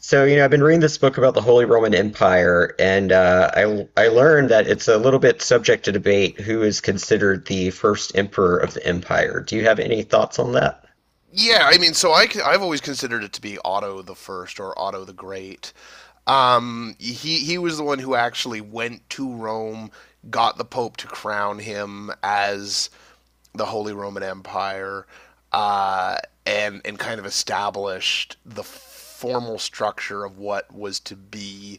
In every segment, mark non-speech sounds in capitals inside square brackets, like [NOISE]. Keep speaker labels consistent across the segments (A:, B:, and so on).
A: So, I've been reading this book about the Holy Roman Empire, and I learned that it's a little bit subject to debate who is considered the first emperor of the empire. Do you have any thoughts on that?
B: Yeah, I mean, so I have always considered it to be Otto the First or Otto the Great. He was the one who actually went to Rome, got the Pope to crown him as the Holy Roman Empire, uh, and kind of established the formal structure of what was to be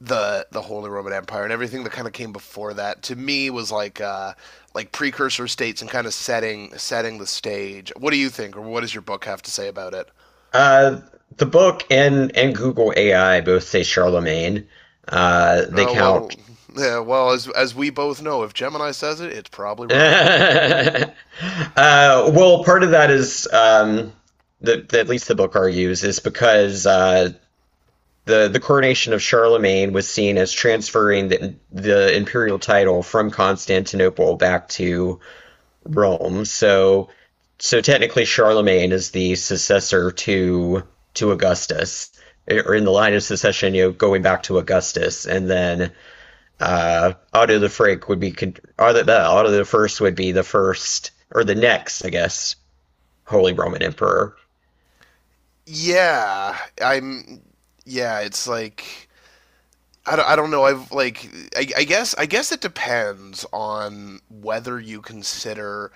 B: the Holy Roman Empire, and everything that kind of came before that to me was like precursor states and kind of setting the stage. What do you think, or what does your book have to say about it?
A: Uh, the book and Google AI both say Charlemagne. They
B: Uh,
A: count.
B: well, yeah, well, as we both know, if Gemini says it, it's probably
A: [LAUGHS]
B: wrong.
A: uh, well, part of that is that at least the book argues is because the coronation of Charlemagne was seen as transferring the imperial title from Constantinople back to Rome. So technically Charlemagne is the successor to Augustus, or in the line of succession, going back to Augustus, and then Otto the Frank would be Otto, Otto the First would be the first or the next, I guess, Holy Roman Emperor.
B: Yeah, I'm. Yeah, it's like I don't know. I guess it depends on whether you consider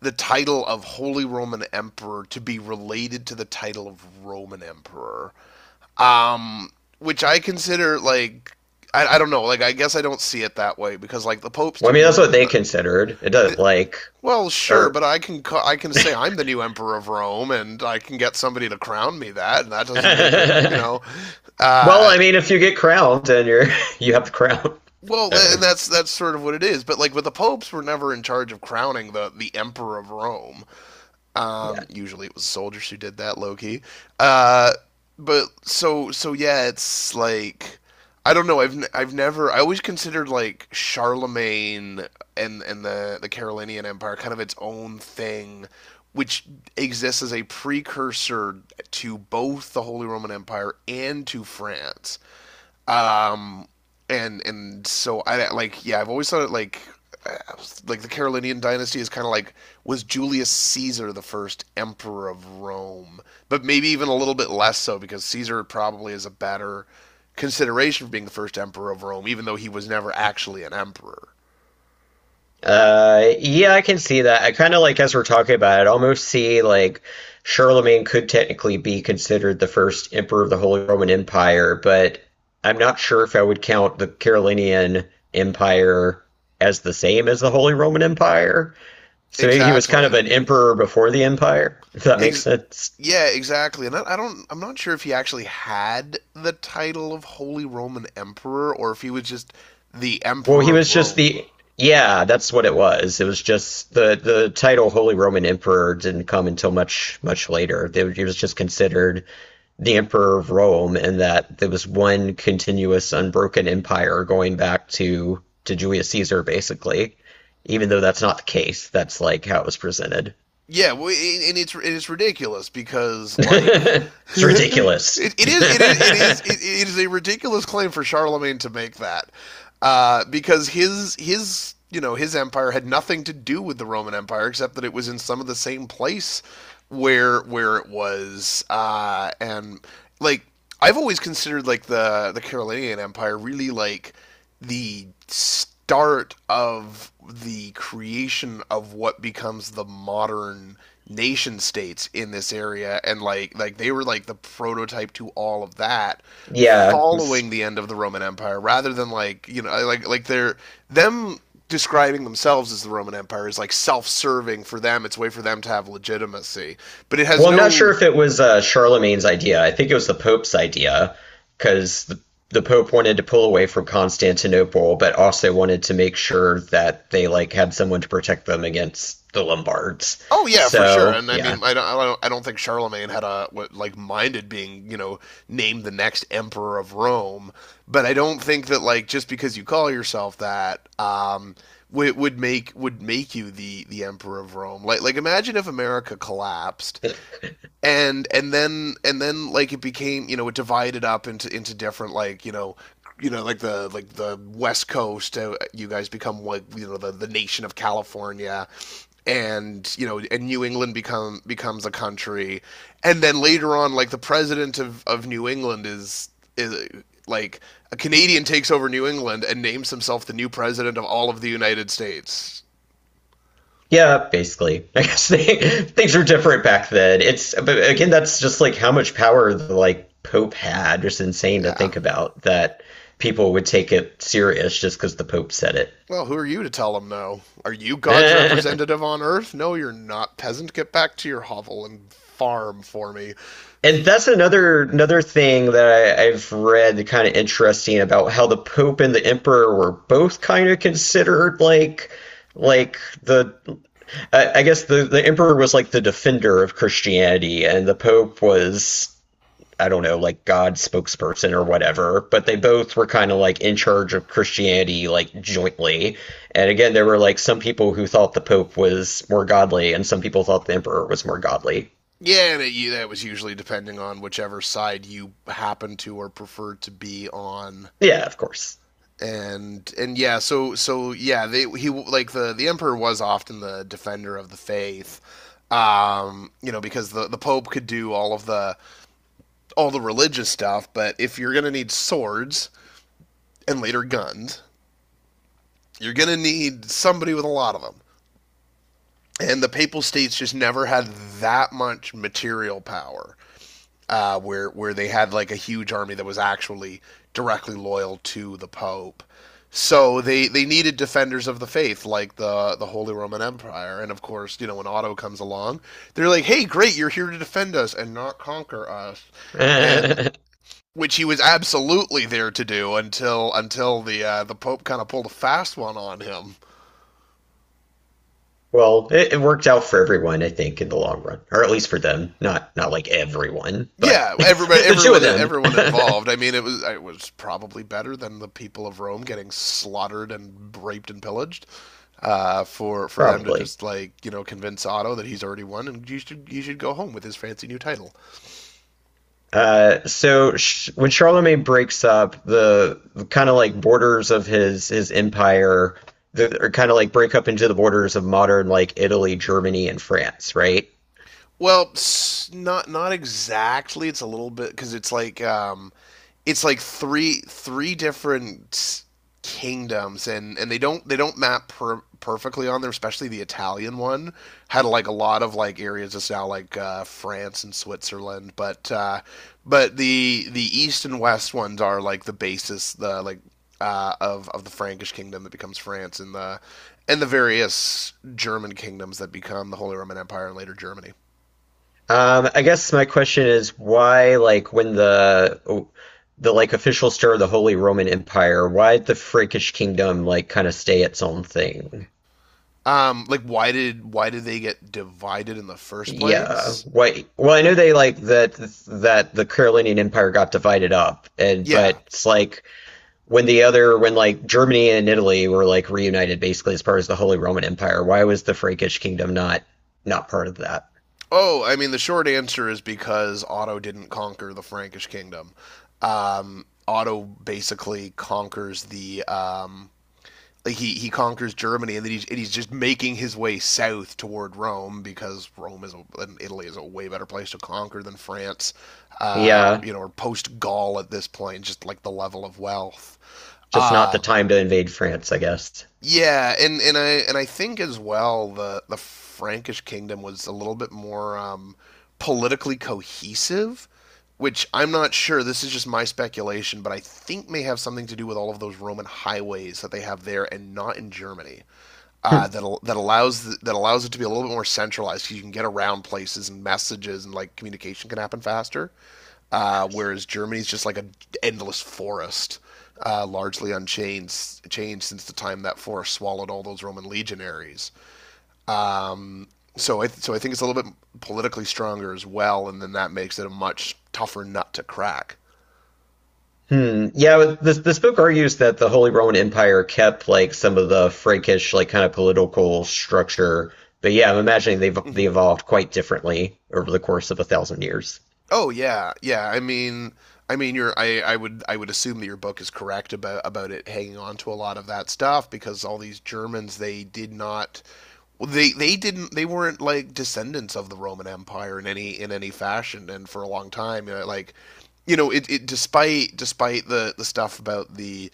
B: the title of Holy Roman Emperor to be related to the title of Roman Emperor, um, which I consider like I don't know. Like I guess I don't see it that way because like the popes
A: Well, I mean, that's what
B: didn't.
A: they considered. It
B: th-
A: doesn't like,
B: well, sure,
A: or
B: but I can say I'm the new emperor of Rome, and I can get somebody to crown me that, and that
A: [LAUGHS]
B: doesn't make it,
A: well,
B: Uh,
A: I mean, if you get crowned, then you're [LAUGHS] you have the crown. [LAUGHS]
B: Well,
A: Uh,
B: and that's sort of what it is. But like, but the popes were never in charge of crowning the emperor of Rome.
A: yeah.
B: Usually, it was soldiers who did that, low key. Uh, but so yeah, it's like I don't know. I've I I've never. I always considered like Charlemagne and the Carolinian Empire kind of its own thing, which exists as a precursor to both the Holy Roman Empire and to France. Um, and so I like yeah, I've always thought it uh, like the Carolinian dynasty is kind of like was Julius Caesar the first emperor of Rome, but maybe even a little bit less so because Caesar probably is a better consideration for being the first emperor of Rome, even though he was never actually an emperor.
A: Yeah, I can see that. I kind of like, as we're talking about it, almost see like Charlemagne could technically be considered the first emperor of the Holy Roman Empire, but I'm not sure if I would count the Carolingian Empire as the same as the Holy Roman Empire. So maybe he was kind of
B: Exactly.
A: an emperor before the empire, [LAUGHS] if that makes
B: Ex-
A: sense.
B: yeah, exactly. And I'm not sure if he actually had the title of Holy Roman Emperor or if he was just the
A: Well,
B: Emperor
A: he was
B: of
A: just
B: Rome.
A: the, yeah, that's what it was. It was just the title Holy Roman Emperor didn't come until much much later. They- He was just considered the Emperor of Rome, and that there was one continuous, unbroken empire going back to Julius Caesar, basically. Even though that's not the case, that's like how it was presented.
B: Yeah, well, and it's ridiculous
A: [LAUGHS]
B: because like [LAUGHS]
A: It's
B: it,
A: ridiculous. [LAUGHS] Yeah.
B: it is a ridiculous claim for Charlemagne to make that because his you know his empire had nothing to do with the Roman Empire except that it was in some of the same place where it was and like I've always considered like the Carolinian Empire really like the start of the creation of what becomes the modern nation states in this area, and like they were like the prototype to all of that following the end of the Roman Empire, rather than like you know like they're them describing themselves as the Roman Empire is like self-serving for them. It's a way for them to have legitimacy, but it has
A: Well, I'm not sure
B: no.
A: if it was Charlemagne's idea. I think it was the Pope's idea because the Pope wanted to pull away from Constantinople, but also wanted to make sure that they like had someone to protect them against the Lombards.
B: Oh yeah, for sure.
A: So,
B: And I mean,
A: yeah.
B: I don't think Charlemagne had a what, like minded being, you know, named the next emperor of Rome. But I don't think that like just because you call yourself that, would make you the emperor of Rome. Like imagine if America collapsed and then like it became, you know, it divided up into different, like you know, you know like the west coast, you guys become like you know the nation of California, and you know, and New England becomes a country, and then later on like the president of New England is is like a Canadian takes over New England and names himself the new president of all of the United States.
A: Yeah, basically. [LAUGHS] I guess they, [LAUGHS] things were different back then. It's, but again, that's just like how much power the like Pope had. It's insane to
B: Yeah.
A: think about that people would take it serious just because the Pope said
B: Well, who are you to tell him? No? Are you God's
A: it. [LAUGHS]
B: representative on Earth? No, you're not, peasant. Get back to your hovel and farm for me.
A: And that's another thing that I've read, kind of interesting, about how the Pope and the Emperor were both kind of considered like the, I guess the Emperor was like the defender of Christianity and the Pope was, I don't know, like God's spokesperson or whatever, but they both were kind of like in charge of Christianity, like jointly. And again, there were like some people who thought the Pope was more godly, and some people thought the Emperor was more godly.
B: Yeah, and it, that was usually depending on whichever side you happen to or preferred to be on.
A: Yeah, of course.
B: And so yeah, they he like the emperor was often the defender of the faith, you know, because the Pope could do all of the all the religious stuff, but if you're gonna need swords and later guns, you're gonna need somebody with a lot of them. And the Papal States just never had that much material power, where they had like a huge army that was actually directly loyal to the Pope. So they needed defenders of the faith like the Holy Roman Empire, and of course, you know, when Otto comes along, they're like, "Hey, great, you're here to defend us and not conquer us,"
A: [LAUGHS]
B: and
A: Well,
B: which he was absolutely there to do until the Pope kind of pulled a fast one on him.
A: it worked out for everyone, I think, in the long run, or at least for them. Not like everyone, but
B: Yeah,
A: [LAUGHS]
B: everybody,
A: the two of
B: everyone,
A: them,
B: everyone involved. I mean, it was probably better than the people of Rome getting slaughtered and raped and pillaged. Uh, for
A: [LAUGHS]
B: for them to
A: probably.
B: just like you know convince Otto that he's already won and you should go home with his fancy new title.
A: So sh when Charlemagne breaks up the kind of like borders of his empire, the, are kind of like break up into the borders of modern like Italy, Germany, and France, right?
B: Well, not exactly. It's a little bit because it's like three different kingdoms, and they don't map perfectly on there, especially the Italian one had like a lot of like areas just now like France and Switzerland, but the east and west ones are like the basis, the like of the Frankish kingdom that becomes France, and the various German kingdoms that become the Holy Roman Empire and later Germany.
A: I guess my question is why, like, when the like official star of the Holy Roman Empire, why did the Frankish kingdom like kind of stay its own thing?
B: Um, like why did they get divided in the first
A: Yeah.
B: place.
A: Why? Well, I know they like that the Carolinian Empire got divided up, and
B: Yeah.
A: but it's like when the other when like Germany and Italy were like reunited basically as part of the Holy Roman Empire, why was the Frankish kingdom not part of that?
B: Oh, I mean, the short answer is because Otto didn't conquer the Frankish kingdom. Otto basically conquers the. Like he conquers Germany, and then he's just making his way south toward Rome because Rome is and Italy is a way better place to conquer than France,
A: Yeah,
B: you know, or post Gaul at this point, just like the level of wealth.
A: just not the
B: Um,
A: time to invade France, I guess.
B: yeah, and I think as well the Frankish kingdom was a little bit more politically cohesive, which I'm not sure. This is just my speculation, but I think may have something to do with all of those Roman highways that they have there and not in Germany.
A: Hmm.
B: That al- that allows th- that allows it to be a little bit more centralized because you can get around places and messages, and like communication can happen faster, whereas Germany's just like an endless forest, largely unchanged changed since the time that forest swallowed all those Roman legionaries. Um, so I think it's a little bit politically stronger as well, and then that makes it a much tougher nut to crack.
A: Hmm. Yeah, this book argues that the Holy Roman Empire kept like some of the Frankish like kind of political structure, but yeah, I'm imagining they
B: Mm-hmm.
A: evolved quite differently over the course of a thousand years.
B: Oh yeah, yeah. I mean, you I would assume that your book is correct about it hanging on to a lot of that stuff because all these Germans they did not. Well, they weren't like descendants of the Roman Empire in any fashion, and for a long time, you know, like you know, it despite the stuff about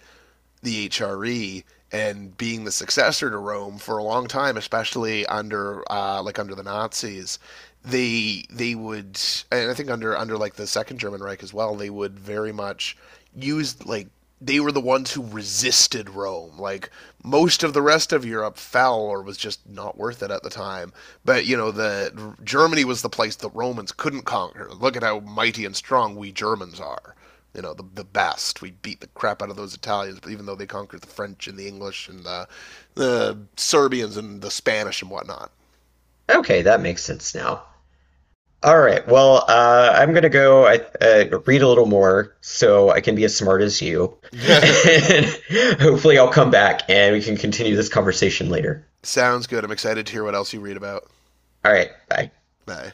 B: the HRE and being the successor to Rome for a long time, especially under like under the Nazis, they they would, and I think under like the Second German Reich as well, they would very much use like they were the ones who resisted Rome. Like most of the rest of Europe fell or was just not worth it at the time. But you know, the Germany was the place the Romans couldn't conquer. Look at how mighty and strong we Germans are, you know, the best. We beat the crap out of those Italians, but even though they conquered the French and the English and the Serbians and the Spanish and whatnot.
A: Okay, that makes sense now. All right. Well, I'm gonna go, I, read a little more so I can be as smart as you, [LAUGHS]
B: [LAUGHS]
A: and hopefully I'll come back and we can continue this conversation later.
B: Sounds good. I'm excited to hear what else you read about.
A: All right. Bye.
B: Bye.